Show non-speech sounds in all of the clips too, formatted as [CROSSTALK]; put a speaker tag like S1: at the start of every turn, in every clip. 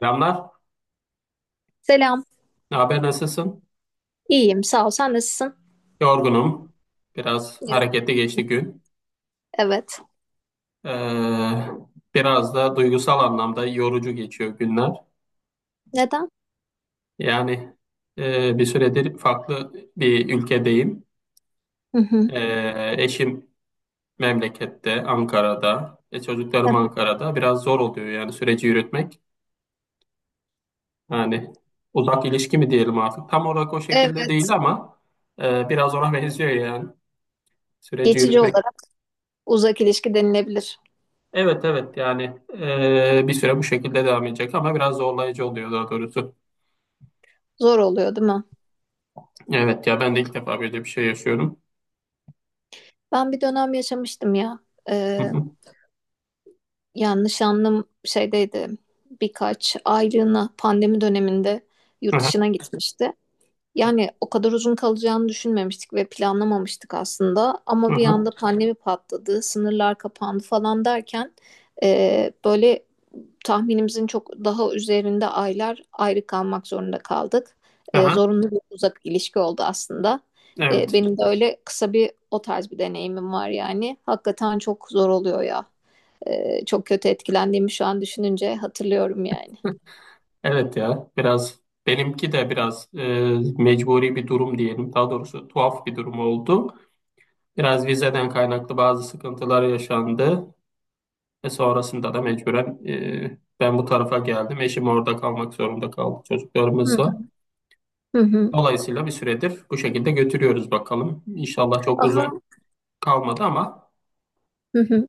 S1: Selamlar.
S2: Selam.
S1: Ne haber? Nasılsın?
S2: İyiyim, sağ ol. Sen nasılsın?
S1: Yorgunum. Biraz
S2: Ya.
S1: hareketli geçti gün.
S2: Evet.
S1: Ee, Biraz da duygusal anlamda yorucu geçiyor günler.
S2: Neden?
S1: Yani bir süredir farklı bir ülkedeyim.
S2: Hı hı.
S1: Eşim memlekette, Ankara'da. Çocuklarım
S2: [LAUGHS]
S1: Ankara'da. Biraz zor oluyor yani süreci yürütmek. Yani uzak ilişki mi diyelim artık? Tam olarak o şekilde değil
S2: Evet.
S1: ama biraz ona benziyor yani süreci
S2: Geçici
S1: yürütmek.
S2: olarak uzak ilişki denilebilir.
S1: Evet, evet, yani bir süre bu şekilde devam edecek ama biraz zorlayıcı oluyor daha doğrusu.
S2: Zor oluyor, değil mi?
S1: Evet ya, ben de ilk defa böyle bir şey yaşıyorum.
S2: Ben bir dönem yaşamıştım ya.
S1: Hı
S2: Ee,
S1: hı.
S2: yani nişanlım şeydeydi. Birkaç aylığına pandemi döneminde yurt
S1: Aha,
S2: dışına gitmişti. Yani o kadar uzun kalacağını düşünmemiştik ve planlamamıştık aslında. Ama bir
S1: aha,
S2: anda pandemi patladı, sınırlar kapandı falan derken böyle tahminimizin çok daha üzerinde aylar ayrı kalmak zorunda kaldık.
S1: aha.
S2: Zorunlu bir uzak ilişki oldu aslında.
S1: Evet.
S2: Benim de öyle kısa bir o tarz bir deneyimim var yani. Hakikaten çok zor oluyor ya. Çok kötü etkilendiğimi şu an düşününce hatırlıyorum yani.
S1: Evet ya, biraz benimki de biraz mecburi bir durum diyelim. Daha doğrusu tuhaf bir durum oldu. Biraz vizeden kaynaklı bazı sıkıntılar yaşandı. Ve sonrasında da mecburen ben bu tarafa geldim. Eşim orada kalmak zorunda kaldı
S2: Hı
S1: çocuklarımızla.
S2: hı. Hı. Hı.
S1: Dolayısıyla bir süredir bu şekilde götürüyoruz bakalım. İnşallah çok
S2: Ama
S1: uzun kalmadı ama
S2: hı hı.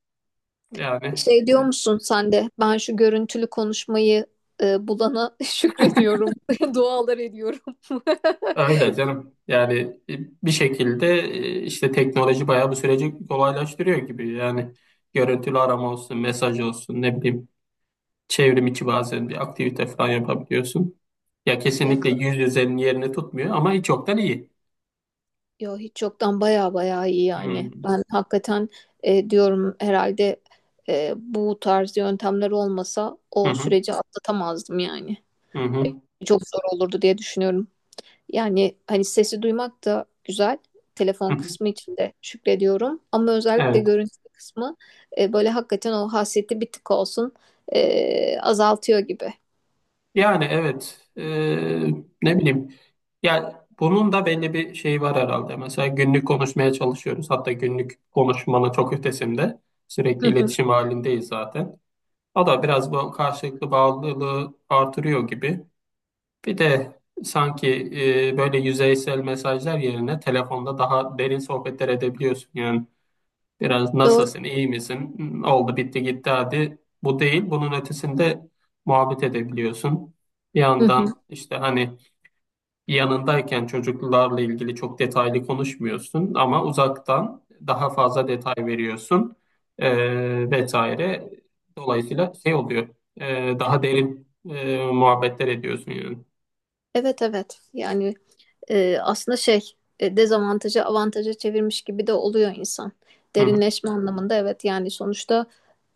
S1: yani
S2: Şey diyor
S1: e,
S2: musun sen de? Ben şu görüntülü konuşmayı bulana [LAUGHS] şükrediyorum. [LAUGHS] Dualar ediyorum. [LAUGHS]
S1: öyle canım. Yani bir şekilde işte teknoloji bayağı bu süreci kolaylaştırıyor gibi. Yani görüntülü arama olsun, mesaj olsun, ne bileyim, çevrim içi bazen bir aktivite falan yapabiliyorsun. Ya
S2: Ya,
S1: kesinlikle yüz yüzenin yerini tutmuyor ama hiç yoktan iyi.
S2: yo, hiç yoktan baya baya iyi yani.
S1: Hmm.
S2: Ben hakikaten diyorum herhalde bu tarz yöntemler olmasa
S1: Hı
S2: o
S1: hı,
S2: süreci atlatamazdım yani.
S1: hı hı,
S2: Çok zor olurdu diye düşünüyorum. Yani hani sesi duymak da güzel. Telefon
S1: hı hı.
S2: kısmı için de şükrediyorum. Ama özellikle
S1: Evet.
S2: görüntü kısmı böyle hakikaten o hasreti bir tık olsun azaltıyor gibi.
S1: Yani evet. Ne bileyim. Yani bunun da belli bir şeyi var herhalde. Mesela günlük konuşmaya çalışıyoruz. Hatta günlük konuşmanın çok ötesinde.
S2: Hı
S1: Sürekli
S2: hı.
S1: iletişim halindeyiz zaten. O da biraz bu karşılıklı bağlılığı artırıyor gibi. Bir de sanki böyle yüzeysel mesajlar yerine telefonda daha derin sohbetler edebiliyorsun. Yani biraz
S2: Doğru.
S1: nasılsın, iyi misin? Hmm, oldu, bitti, gitti hadi. Bu değil. Bunun ötesinde muhabbet edebiliyorsun. Bir
S2: Hı hı.
S1: yandan işte hani yanındayken çocuklarla ilgili çok detaylı konuşmuyorsun ama uzaktan daha fazla detay veriyorsun, vesaire. Dolayısıyla şey oluyor, daha derin muhabbetler ediyorsun yani.
S2: Evet, evet. Yani aslında şey dezavantajı avantaja çevirmiş gibi de oluyor insan.
S1: Hı hı,
S2: Derinleşme anlamında evet yani sonuçta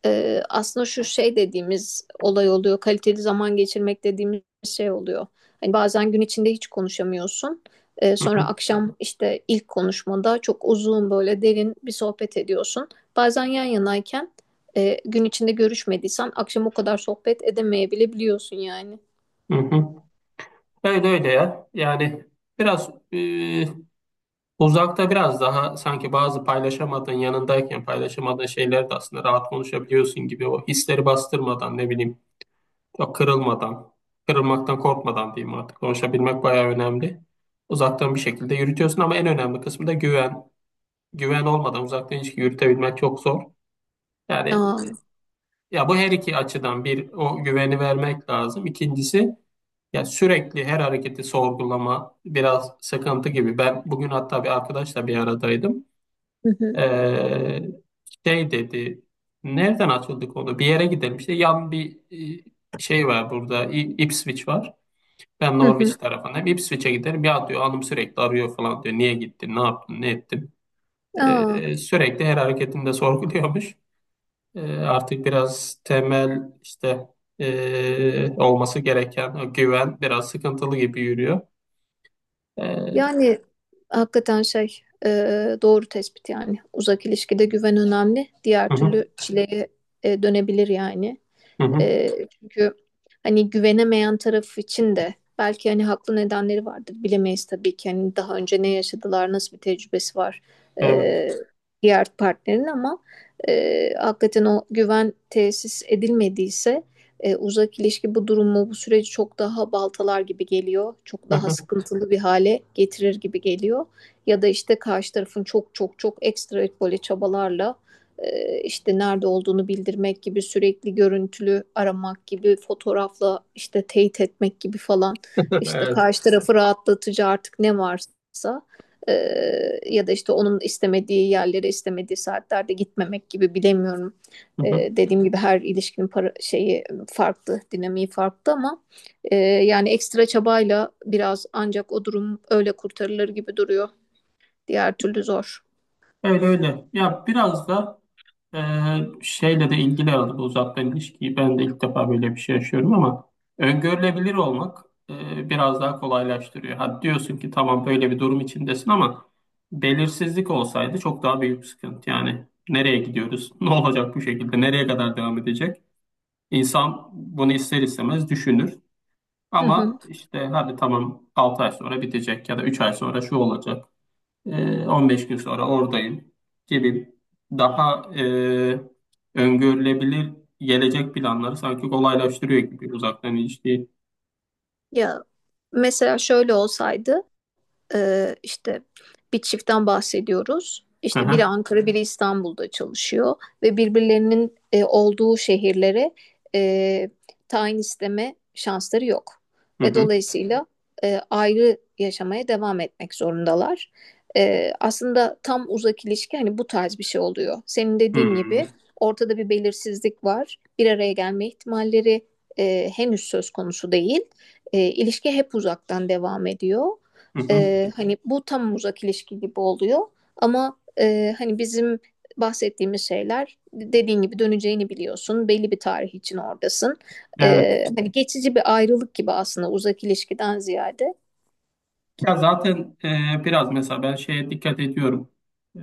S2: aslında şu şey dediğimiz olay oluyor. Kaliteli zaman geçirmek dediğimiz şey oluyor. Hani bazen gün içinde hiç konuşamıyorsun.
S1: hı
S2: Sonra
S1: hı,
S2: akşam işte ilk konuşmada çok uzun böyle derin bir sohbet ediyorsun. Bazen yan yanayken gün içinde görüşmediysen akşam o kadar sohbet edemeyebiliyorsun yani.
S1: hı hı. Öyle öyle ya. Yani biraz uzakta biraz daha sanki bazı paylaşamadığın yanındayken paylaşamadığın şeyleri de aslında rahat konuşabiliyorsun gibi, o hisleri bastırmadan, ne bileyim. Ya kırılmadan, kırılmaktan korkmadan diyeyim artık. Konuşabilmek bayağı önemli. Uzaktan bir şekilde yürütüyorsun ama en önemli kısmı da güven. Güven olmadan uzaktan ilişki yürütebilmek çok zor. Yani
S2: Aa.
S1: ya, bu her iki açıdan bir o güveni vermek lazım. İkincisi, ya sürekli her hareketi sorgulama biraz sıkıntı gibi. Ben bugün hatta bir arkadaşla bir aradaydım.
S2: Hı hı.
S1: Ee, Şey dedi. Nereden açıldık onu? Bir yere gidelim. İşte yan bir e, şey var burada. Ipswich var. Ben
S2: Hı hı.
S1: Norwich tarafındayım. Ipswich'e giderim. Ya diyor, hanım sürekli arıyor falan diyor. Niye gittin? Ne yaptın? Ne ettin?
S2: Aa.
S1: Sürekli her hareketinde sorguluyormuş. Artık biraz temel işte olması gereken o güven biraz sıkıntılı gibi yürüyor. Ee,
S2: Yani hakikaten şey doğru tespit yani. Uzak ilişkide güven önemli. Diğer
S1: hı hı,
S2: türlü çileye dönebilir yani.
S1: hı hı,
S2: E, Çünkü hani güvenemeyen taraf için de belki hani haklı nedenleri vardır. Bilemeyiz tabii ki hani daha önce ne yaşadılar, nasıl bir tecrübesi var
S1: evet.
S2: e, diğer partnerin ama hakikaten o güven tesis edilmediyse uzak ilişki bu durumu, bu süreci çok daha baltalar gibi geliyor. Çok daha
S1: [LAUGHS]
S2: sıkıntılı bir hale getirir gibi geliyor. Ya da işte karşı tarafın çok çok çok ekstra böyle çabalarla işte nerede olduğunu bildirmek gibi, sürekli görüntülü aramak gibi, fotoğrafla işte teyit etmek gibi falan, işte
S1: Evet.
S2: karşı tarafı rahatlatıcı artık ne varsa, e, ya da işte onun istemediği yerlere istemediği saatlerde gitmemek gibi, bilemiyorum.
S1: Hı hı.
S2: Dediğim gibi her ilişkinin para, şeyi farklı, dinamiği farklı ama yani ekstra çabayla biraz ancak o durum öyle kurtarılır gibi duruyor. Diğer türlü zor.
S1: Öyle öyle. Ya biraz da Ee, şeyle de ilgili aldı bu uzaktan ilişkiyi. Ben de ilk defa böyle bir şey yaşıyorum ama öngörülebilir olmak biraz daha kolaylaştırıyor. Ha diyorsun ki tamam, böyle bir durum içindesin ama belirsizlik olsaydı çok daha büyük sıkıntı. Yani nereye gidiyoruz? [LAUGHS] Ne olacak bu şekilde? Nereye kadar devam edecek? İnsan bunu ister istemez düşünür.
S2: Hı hı.
S1: Ama işte hadi tamam, 6 ay sonra bitecek ya da 3 ay sonra şu olacak. E, 15 gün sonra oradayım gibi, daha öngörülebilir gelecek planları sanki kolaylaştırıyor gibi uzaktan ilişki.
S2: Ya mesela şöyle olsaydı işte bir çiftten bahsediyoruz.
S1: Hı
S2: İşte biri
S1: hı,
S2: Ankara, biri İstanbul'da çalışıyor ve birbirlerinin olduğu şehirlere e, tayin isteme şansları yok.
S1: hı
S2: Ve
S1: hı,
S2: dolayısıyla ayrı yaşamaya devam etmek zorundalar. Aslında tam uzak ilişki hani bu tarz bir şey oluyor. Senin
S1: hı
S2: dediğin
S1: hı,
S2: gibi ortada bir belirsizlik var. Bir araya gelme ihtimalleri henüz söz konusu değil. İlişki hep uzaktan devam ediyor,
S1: hı hı.
S2: hani bu tam uzak ilişki gibi oluyor ama hani bizim bahsettiğimiz şeyler dediğin gibi döneceğini biliyorsun. Belli bir tarih için oradasın.
S1: Evet.
S2: Hani geçici bir ayrılık gibi aslında uzak ilişkiden ziyade.
S1: Ya zaten biraz mesela ben şeye dikkat ediyorum. E,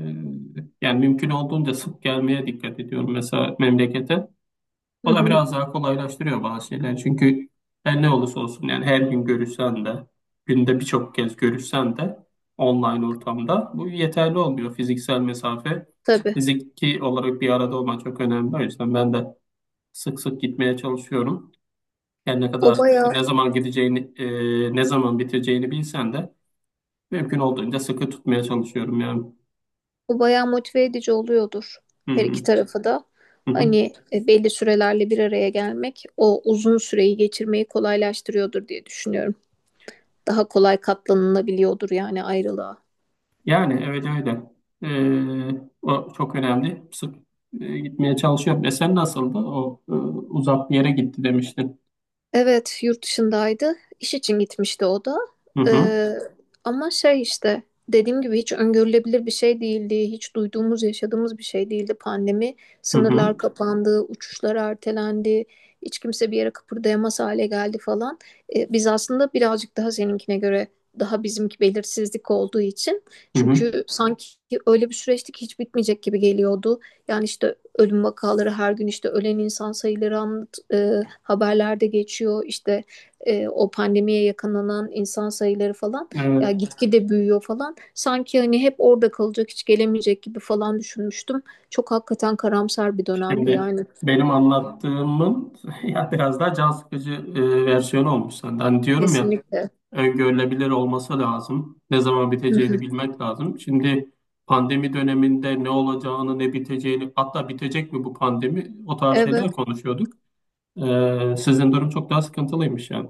S1: Yani mümkün olduğunca sık gelmeye dikkat ediyorum mesela memlekete.
S2: Hı
S1: O da
S2: hı,
S1: biraz daha kolaylaştırıyor bazı şeyler. Çünkü her ne olursa olsun, yani her gün görüşsen de günde birçok kez görüşsen de online ortamda bu yeterli olmuyor. Fiziksel mesafe,
S2: tabii.
S1: fiziki olarak bir arada olmak çok önemli. O yüzden ben de sık sık gitmeye çalışıyorum. Yani ne
S2: O
S1: kadar işte
S2: bayağı
S1: ne zaman gideceğini, ne zaman biteceğini bilsen de mümkün olduğunca sıkı tutmaya çalışıyorum yani.
S2: o bayağı motive edici oluyordur
S1: Hı
S2: her iki
S1: hı.
S2: tarafı da.
S1: Hı hı.
S2: Hani belli sürelerle bir araya gelmek o uzun süreyi geçirmeyi kolaylaştırıyordur diye düşünüyorum. Daha kolay katlanılabiliyordur yani ayrılığa.
S1: Yani öyle öyle. O çok önemli. Sık gitmeye çalışıyorum. E sen nasıldı? O uzak bir yere gitti demiştin.
S2: Evet, yurt dışındaydı. İş için gitmişti o da.
S1: Hı hı.
S2: Ee, Ama şey işte dediğim gibi hiç öngörülebilir bir şey değildi. Hiç duyduğumuz, yaşadığımız bir şey değildi. Pandemi,
S1: Hı
S2: sınırlar
S1: hı.
S2: kapandı, uçuşlar ertelendi. Hiç kimse bir yere kıpırdayamaz hale geldi falan. Biz aslında birazcık daha seninkine göre daha bizimki belirsizlik olduğu için.
S1: Hı hı.
S2: Çünkü sanki öyle bir süreçti ki hiç bitmeyecek gibi geliyordu. Yani işte ölüm vakaları her gün, işte ölen insan sayıları haberlerde geçiyor işte, o pandemiye yakalanan insan sayıları falan ya
S1: Evet.
S2: gitgide büyüyor falan, sanki hani hep orada kalacak hiç gelemeyecek gibi falan düşünmüştüm. Çok hakikaten karamsar bir dönemdi
S1: Şimdi
S2: yani.
S1: benim anlattığımın [LAUGHS] ya biraz daha can sıkıcı versiyonu olmuş senden. Hani diyorum ya,
S2: Kesinlikle.
S1: öngörülebilir olması lazım. Ne zaman
S2: Hı hı.
S1: biteceğini bilmek lazım. Şimdi pandemi döneminde ne olacağını, ne biteceğini, hatta bitecek mi bu pandemi, o tarz
S2: Evet.
S1: şeyler konuşuyorduk. Sizin durum çok daha sıkıntılıymış yani.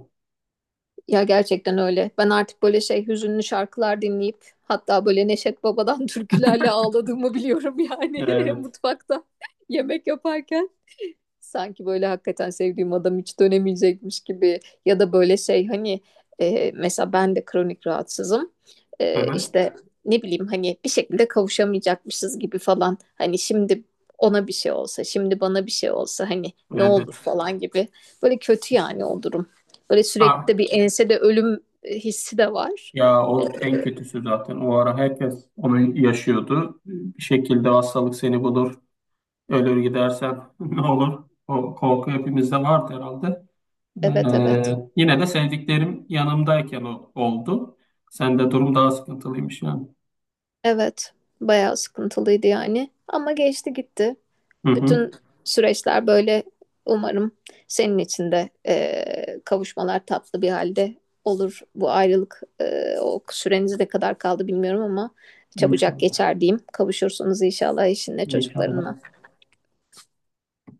S2: Ya gerçekten öyle. Ben artık böyle şey, hüzünlü şarkılar dinleyip hatta böyle Neşet Baba'dan türkülerle ağladığımı biliyorum yani, [LAUGHS]
S1: Evet.
S2: mutfakta yemek yaparken. Sanki böyle hakikaten sevdiğim adam hiç dönemeyecekmiş gibi, ya da böyle şey hani, mesela ben de kronik rahatsızım.
S1: Hı-hı.
S2: İşte ne bileyim hani bir şekilde kavuşamayacakmışız gibi falan. Hani şimdi ona bir şey olsa, şimdi bana bir şey olsa hani ne olur
S1: Evet.
S2: falan gibi. Böyle kötü yani o durum. Böyle sürekli
S1: Ah,
S2: de bir ensede ölüm hissi de var.
S1: ya
S2: E,
S1: o en kötüsü zaten. O ara herkes onu yaşıyordu. Bir şekilde hastalık seni bulur. Ölür gidersen [LAUGHS] ne olur? O korku hepimizde vardı herhalde.
S2: evet, evet.
S1: Yine de sevdiklerim yanımdayken o, oldu. Sende durum daha sıkıntılıymış yani.
S2: Evet. Bayağı sıkıntılıydı yani. Ama geçti gitti.
S1: Hı-hı.
S2: Bütün süreçler böyle, umarım senin için de kavuşmalar tatlı bir halde olur. Bu ayrılık, o süreniz ne kadar kaldı bilmiyorum ama çabucak
S1: İnşallah.
S2: geçer diyeyim. Kavuşursunuz inşallah eşinle çocuklarınla.
S1: İnşallah.